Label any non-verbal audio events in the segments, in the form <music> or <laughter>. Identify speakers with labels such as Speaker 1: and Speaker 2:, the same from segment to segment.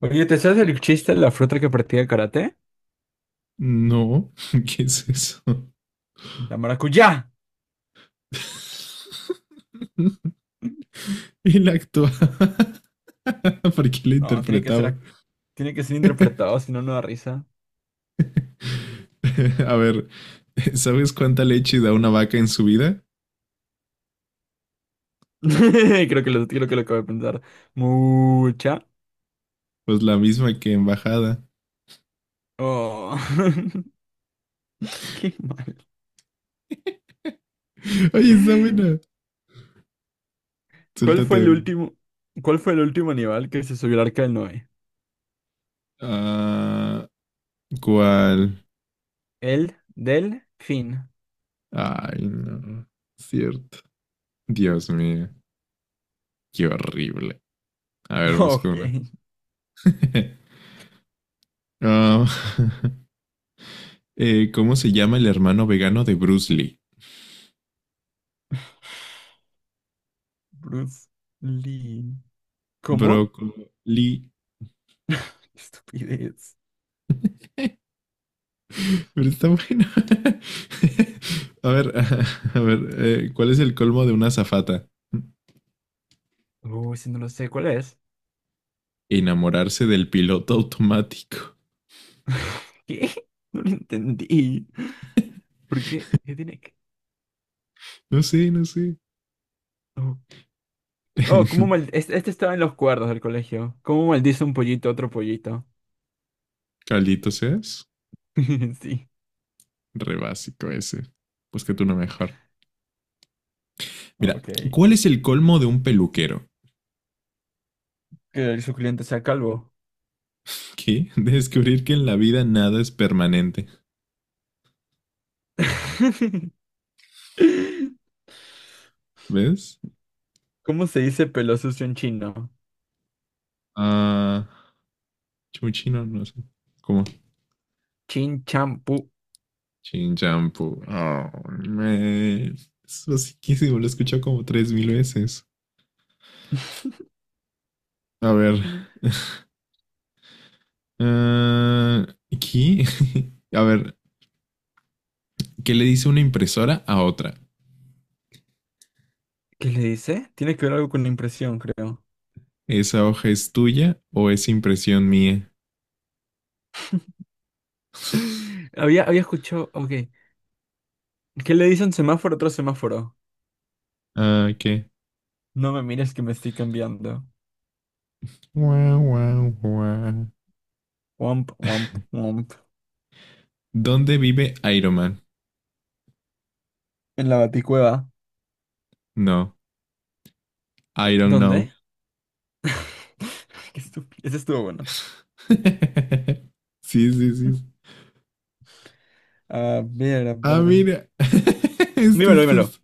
Speaker 1: Oye, ¿te sabes el chiste de la fruta que practica karate?
Speaker 2: No, <laughs> ¿qué es eso?
Speaker 1: La maracuyá.
Speaker 2: <laughs> Él actuaba. <laughs> ¿Por qué lo
Speaker 1: No, tiene que ser,
Speaker 2: interpretaba?
Speaker 1: tiene que ser
Speaker 2: <laughs>
Speaker 1: interpretado, si no, no da risa.
Speaker 2: A ver, ¿sabes cuánta leche da una vaca en su vida?
Speaker 1: <laughs> Creo que lo acabo de pensar. Mucha.
Speaker 2: Pues la misma que en bajada.
Speaker 1: Oh, <laughs> qué mal.
Speaker 2: <laughs> Oye, está buena.
Speaker 1: ¿Cuál
Speaker 2: Suéltate
Speaker 1: fue el
Speaker 2: una.
Speaker 1: último, ¿cuál fue el último animal que se subió al arca del Noé?
Speaker 2: Ah, ¿cuál?
Speaker 1: El delfín.
Speaker 2: Ay, no. Cierto. Dios mío, qué horrible. A ver,
Speaker 1: <laughs>
Speaker 2: busco
Speaker 1: Ok,
Speaker 2: una. <laughs> Ah, <laughs> ¿cómo se llama el hermano vegano de Bruce Lee?
Speaker 1: Bruce Lee. ¿Cómo?
Speaker 2: Broccoli.
Speaker 1: Qué estupidez.
Speaker 2: Pero está bueno. <laughs> A ver, <laughs> a ver, ¿cuál es el colmo de una azafata?
Speaker 1: Uy, si no lo sé, ¿cuál es?
Speaker 2: Enamorarse del piloto automático.
Speaker 1: <laughs> ¿Qué? No lo entendí. ¿Por qué? ¿Qué tiene que...?
Speaker 2: No sé, no sé.
Speaker 1: Oh, oh, ¿cómo mal...
Speaker 2: <laughs>
Speaker 1: Este estaba en los cuerdos del colegio. ¿Cómo maldice un pollito a otro pollito?
Speaker 2: Caldito seas.
Speaker 1: <laughs> Sí.
Speaker 2: Re básico ese. Búscate uno mejor. Mira,
Speaker 1: Ok.
Speaker 2: ¿cuál es el colmo de un peluquero?
Speaker 1: Que el cliente sea calvo.
Speaker 2: ¿Qué? <laughs> Descubrir que en la vida nada es permanente.
Speaker 1: <laughs>
Speaker 2: ¿Ves?
Speaker 1: ¿Cómo se dice pelo sucio en chino?
Speaker 2: Ah, chuchino, no sé. ¿Cómo?
Speaker 1: Chin champú.
Speaker 2: Shin Shampoo. Oh, man. Es basiquísimo, lo he escuchado como 3000 veces.
Speaker 1: <laughs>
Speaker 2: A ver. Ah, aquí. <laughs> A ver, ¿qué le dice una impresora a otra?
Speaker 1: ¿Qué le dice? Tiene que ver algo con la impresión, creo.
Speaker 2: ¿Esa hoja es tuya o es impresión mía? <laughs>
Speaker 1: <laughs> Había escuchado. Ok. ¿Qué le dice un semáforo a otro semáforo?
Speaker 2: Ah, ¿qué?
Speaker 1: No me mires que me estoy cambiando.
Speaker 2: Guau, guau, guau.
Speaker 1: Womp, womp, womp.
Speaker 2: ¿Dónde vive Iron Man?
Speaker 1: En la Baticueva.
Speaker 2: No, I don't
Speaker 1: ¿Dónde?
Speaker 2: know.
Speaker 1: <laughs> Qué estúpido. Ese estuvo bueno.
Speaker 2: <laughs> Sí, sí, sí.
Speaker 1: A ver, a
Speaker 2: Ah,
Speaker 1: ver.
Speaker 2: mira. <laughs> Este,
Speaker 1: Dímelo,
Speaker 2: este
Speaker 1: dímelo.
Speaker 2: es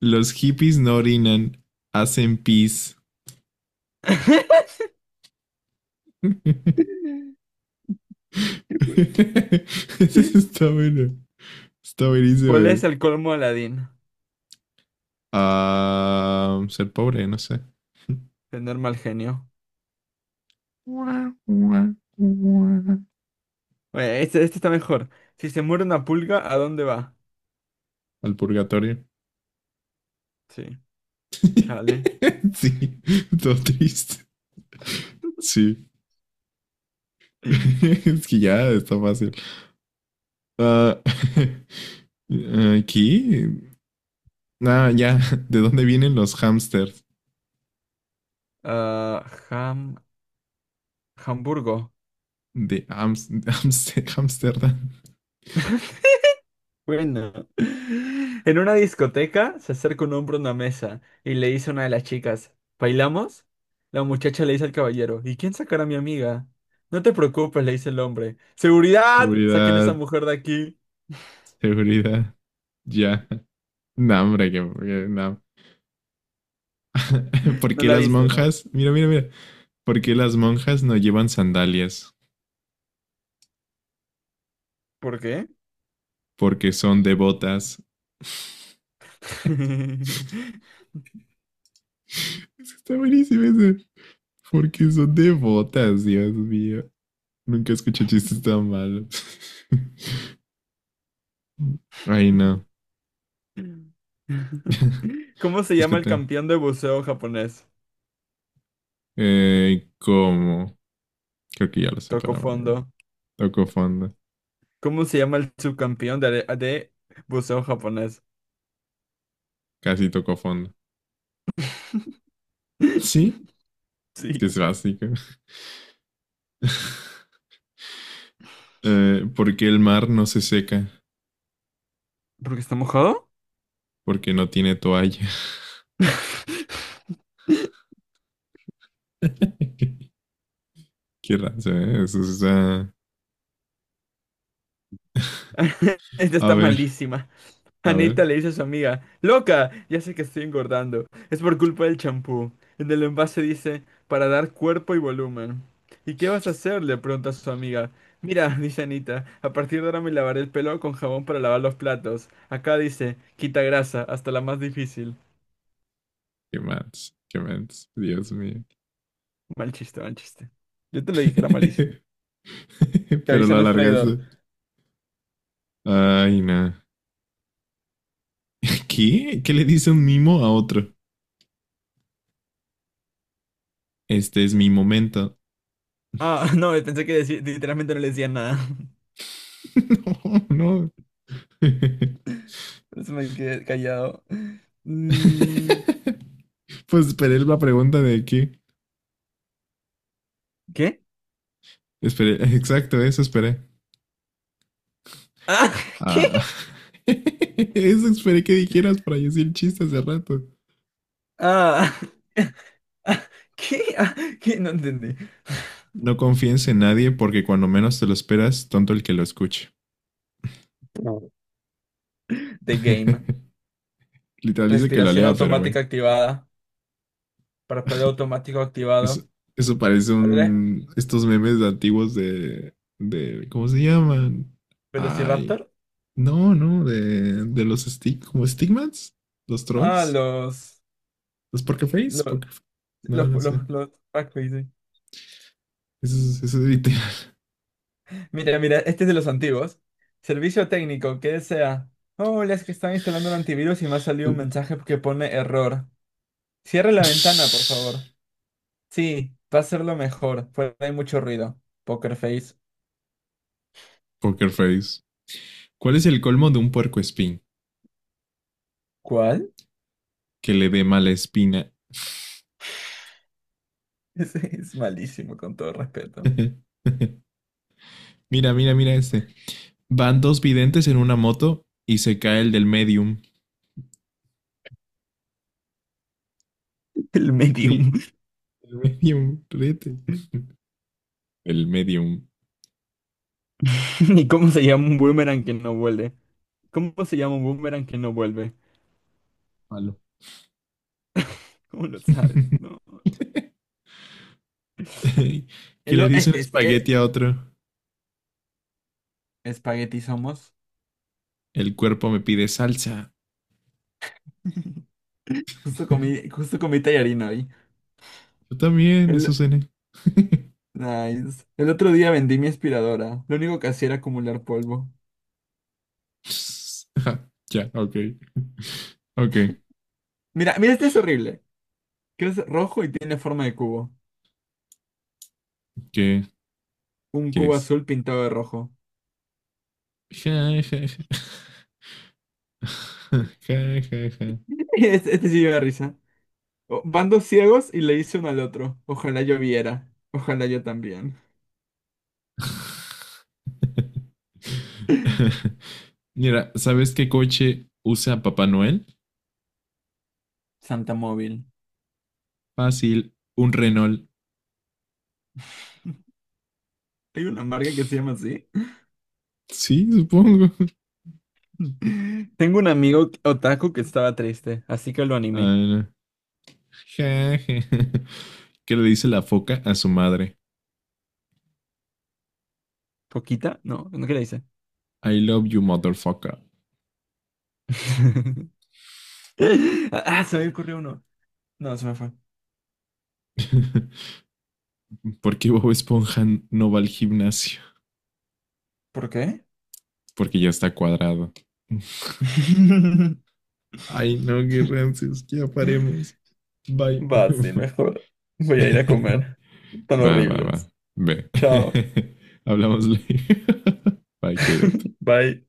Speaker 2: los hippies no orinan, hacen pis.
Speaker 1: <laughs>
Speaker 2: <laughs>
Speaker 1: Qué bueno.
Speaker 2: Eso está bueno. Está buenísimo.
Speaker 1: ¿Cuál es
Speaker 2: Eh.
Speaker 1: el colmo de Aladín?
Speaker 2: Ah, ser pobre, no sé.
Speaker 1: Tener mal genio. Oye, este está mejor. Si se muere una pulga, ¿a dónde va?
Speaker 2: Al purgatorio.
Speaker 1: Sí, chale.
Speaker 2: <laughs> Sí, todo triste. Sí. <laughs> Es que ya está fácil. Ah, <laughs> aquí. Ah, ya. ¿De dónde vienen los hamsters?
Speaker 1: Ah, Ham... Hamburgo.
Speaker 2: De Amsterdam.
Speaker 1: Bueno, <laughs> en una discoteca se acerca un hombre a una mesa y le dice a una de las chicas, ¿bailamos? La muchacha le dice al caballero, ¿y quién sacará a mi amiga? No te preocupes, le dice el hombre. ¡Seguridad! Saquen a esa
Speaker 2: Seguridad,
Speaker 1: mujer de aquí.
Speaker 2: seguridad, ya. No, hombre, que no. <laughs> ¿Por
Speaker 1: No
Speaker 2: qué
Speaker 1: la
Speaker 2: las
Speaker 1: viste, ¿no?
Speaker 2: monjas? Mira, mira, mira. ¿Por qué las monjas no llevan sandalias?
Speaker 1: ¿Por qué?
Speaker 2: Porque son devotas.
Speaker 1: <laughs>
Speaker 2: <laughs> Está buenísimo ese. Porque son devotas, Dios mío. Nunca escuché chistes tan malos. <laughs> Ay, no. <laughs>
Speaker 1: ¿Cómo se llama el
Speaker 2: Búscate.
Speaker 1: campeón de buceo japonés?
Speaker 2: ¿Cómo? Creo que ya lo
Speaker 1: Toco
Speaker 2: separaban.
Speaker 1: fondo.
Speaker 2: Tocó fondo.
Speaker 1: ¿Cómo se llama el subcampeón de buceo japonés?
Speaker 2: Casi tocó fondo. Sí,
Speaker 1: <laughs>
Speaker 2: es
Speaker 1: Sí.
Speaker 2: que es básico. <laughs> ¿Por qué el mar no se seca?
Speaker 1: ¿Porque está mojado?
Speaker 2: Porque no tiene toalla.
Speaker 1: <laughs>
Speaker 2: <laughs> Qué raza, ¿eh? Eso está...
Speaker 1: Esta
Speaker 2: A
Speaker 1: está
Speaker 2: ver,
Speaker 1: malísima.
Speaker 2: a ver.
Speaker 1: Anita le dice a su amiga, loca, ya sé que estoy engordando. Es por culpa del champú. En el envase dice, para dar cuerpo y volumen. ¿Y qué vas a hacer? Le pregunta a su amiga. Mira, <laughs> dice Anita, a partir de ahora me lavaré el pelo con jabón para lavar los platos. Acá dice, quita grasa, hasta la más difícil.
Speaker 2: Qué más, qué más. Dios mío.
Speaker 1: Mal chiste, mal chiste. Yo te lo dije, era malísimo.
Speaker 2: <laughs>
Speaker 1: Que
Speaker 2: Pero
Speaker 1: avisa
Speaker 2: lo
Speaker 1: no es traidor.
Speaker 2: alargaste. Ay, no. ¿Qué? ¿Qué le dice un mimo a otro? Este es mi momento.
Speaker 1: Ah, <laughs> no, pensé que literalmente no le decía nada.
Speaker 2: <laughs> No, no. <laughs>
Speaker 1: Por eso me quedé callado. Mm,
Speaker 2: Pues esperé la pregunta de qué.
Speaker 1: ¿Qué?
Speaker 2: Esperé, exacto, eso esperé.
Speaker 1: Ah, <laughs> ¿qué?
Speaker 2: Ah, <laughs> eso esperé que dijeras para decir chistes de rato.
Speaker 1: Ah, <laughs> ah, ¿qué? Ah, ¿qué? No entendí.
Speaker 2: No confíes en nadie porque cuando menos te lo esperas, tonto el que lo escuche.
Speaker 1: The game.
Speaker 2: <laughs> Literal dice que lo
Speaker 1: Respiración
Speaker 2: lea, pero bueno.
Speaker 1: automática activada. Parpadeo
Speaker 2: <laughs>
Speaker 1: automático
Speaker 2: Eso,
Speaker 1: activado.
Speaker 2: eso parece
Speaker 1: ¿Cuál era?
Speaker 2: un... Estos memes antiguos de ¿cómo se llaman? Ay.
Speaker 1: ¿Velociraptor?
Speaker 2: No, no, de los stick, como Stigmats, los
Speaker 1: Ah,
Speaker 2: trolls,
Speaker 1: los...
Speaker 2: los Pokerface,
Speaker 1: Los...
Speaker 2: Pokerface. No, no sé.
Speaker 1: Los... ah, ¿qué?
Speaker 2: Eso es literal.
Speaker 1: Mira, mira, este es de los antiguos. Servicio técnico, ¿qué desea? Hola, es que están instalando un antivirus y me ha salido un mensaje que pone error. Cierre la ventana, por favor. Sí, va a ser lo mejor. Fuera hay mucho ruido. Poker Face.
Speaker 2: <laughs> Pokerface. ¿Cuál es el colmo de un puercoespín?
Speaker 1: ¿Cuál?
Speaker 2: Que le dé mala espina.
Speaker 1: <laughs> Ese es malísimo, con todo respeto.
Speaker 2: <laughs> Mira, mira, mira este. Van dos videntes en una moto y se cae el del medium.
Speaker 1: El
Speaker 2: Ríe,
Speaker 1: medium.
Speaker 2: el medium, ríete.
Speaker 1: <laughs>
Speaker 2: El medium.
Speaker 1: ¿Y cómo se llama un boomerang que no vuelve? ¿Cómo se llama un boomerang que no vuelve?
Speaker 2: Palo.
Speaker 1: <laughs> ¿Cómo lo sabes? No.
Speaker 2: <laughs> que
Speaker 1: El
Speaker 2: le
Speaker 1: o-
Speaker 2: dice un
Speaker 1: este, este.
Speaker 2: espagueti a otro.
Speaker 1: Espagueti somos.
Speaker 2: El cuerpo me pide salsa.
Speaker 1: <laughs> Justo comí,
Speaker 2: <laughs>
Speaker 1: justo comí tallarín hoy.
Speaker 2: Yo también, eso
Speaker 1: El,
Speaker 2: cené. <laughs>
Speaker 1: nice. El otro día vendí mi aspiradora. Lo único que hacía era acumular polvo.
Speaker 2: Ajá, ya, yeah, ok. Ok,
Speaker 1: Mira, mira, este es horrible. Que es rojo y tiene forma de cubo.
Speaker 2: ¿qué,
Speaker 1: Un
Speaker 2: qué
Speaker 1: cubo
Speaker 2: es?
Speaker 1: azul pintado de rojo.
Speaker 2: Ja, ja, ja. <laughs> Ja, ja, ja.
Speaker 1: Este sí lleva risa. Van dos ciegos y le dice uno al otro. Ojalá yo viera. Ojalá yo también.
Speaker 2: <laughs> Mira, ¿sabes qué coche usa Papá Noel?
Speaker 1: Santa Móvil.
Speaker 2: Fácil, un Renault.
Speaker 1: Hay una marca que se llama así.
Speaker 2: Sí, supongo. <laughs>
Speaker 1: <laughs> Tengo un amigo otaku que estaba triste, así que lo animé.
Speaker 2: Ah, ja, ja. <laughs> ¿Qué le dice la foca a su madre?
Speaker 1: ¿Poquita? No, ¿no qué le dice?
Speaker 2: I love you, motherfucker.
Speaker 1: <laughs> Ah, se me ocurrió uno. No, se me fue.
Speaker 2: <laughs> ¿Por qué Bob Esponja no va al gimnasio?
Speaker 1: ¿Por qué?
Speaker 2: Porque ya está cuadrado.
Speaker 1: <laughs>
Speaker 2: Ay, no, qué rancios, ya paremos. Bye.
Speaker 1: Va, sí, mejor. Voy a ir a comer.
Speaker 2: <laughs>
Speaker 1: Tan
Speaker 2: Va, va, va.
Speaker 1: horribles.
Speaker 2: Ve.
Speaker 1: Chao.
Speaker 2: <laughs> Hablamos luego. <laughs> Bye, cuídate.
Speaker 1: Bye.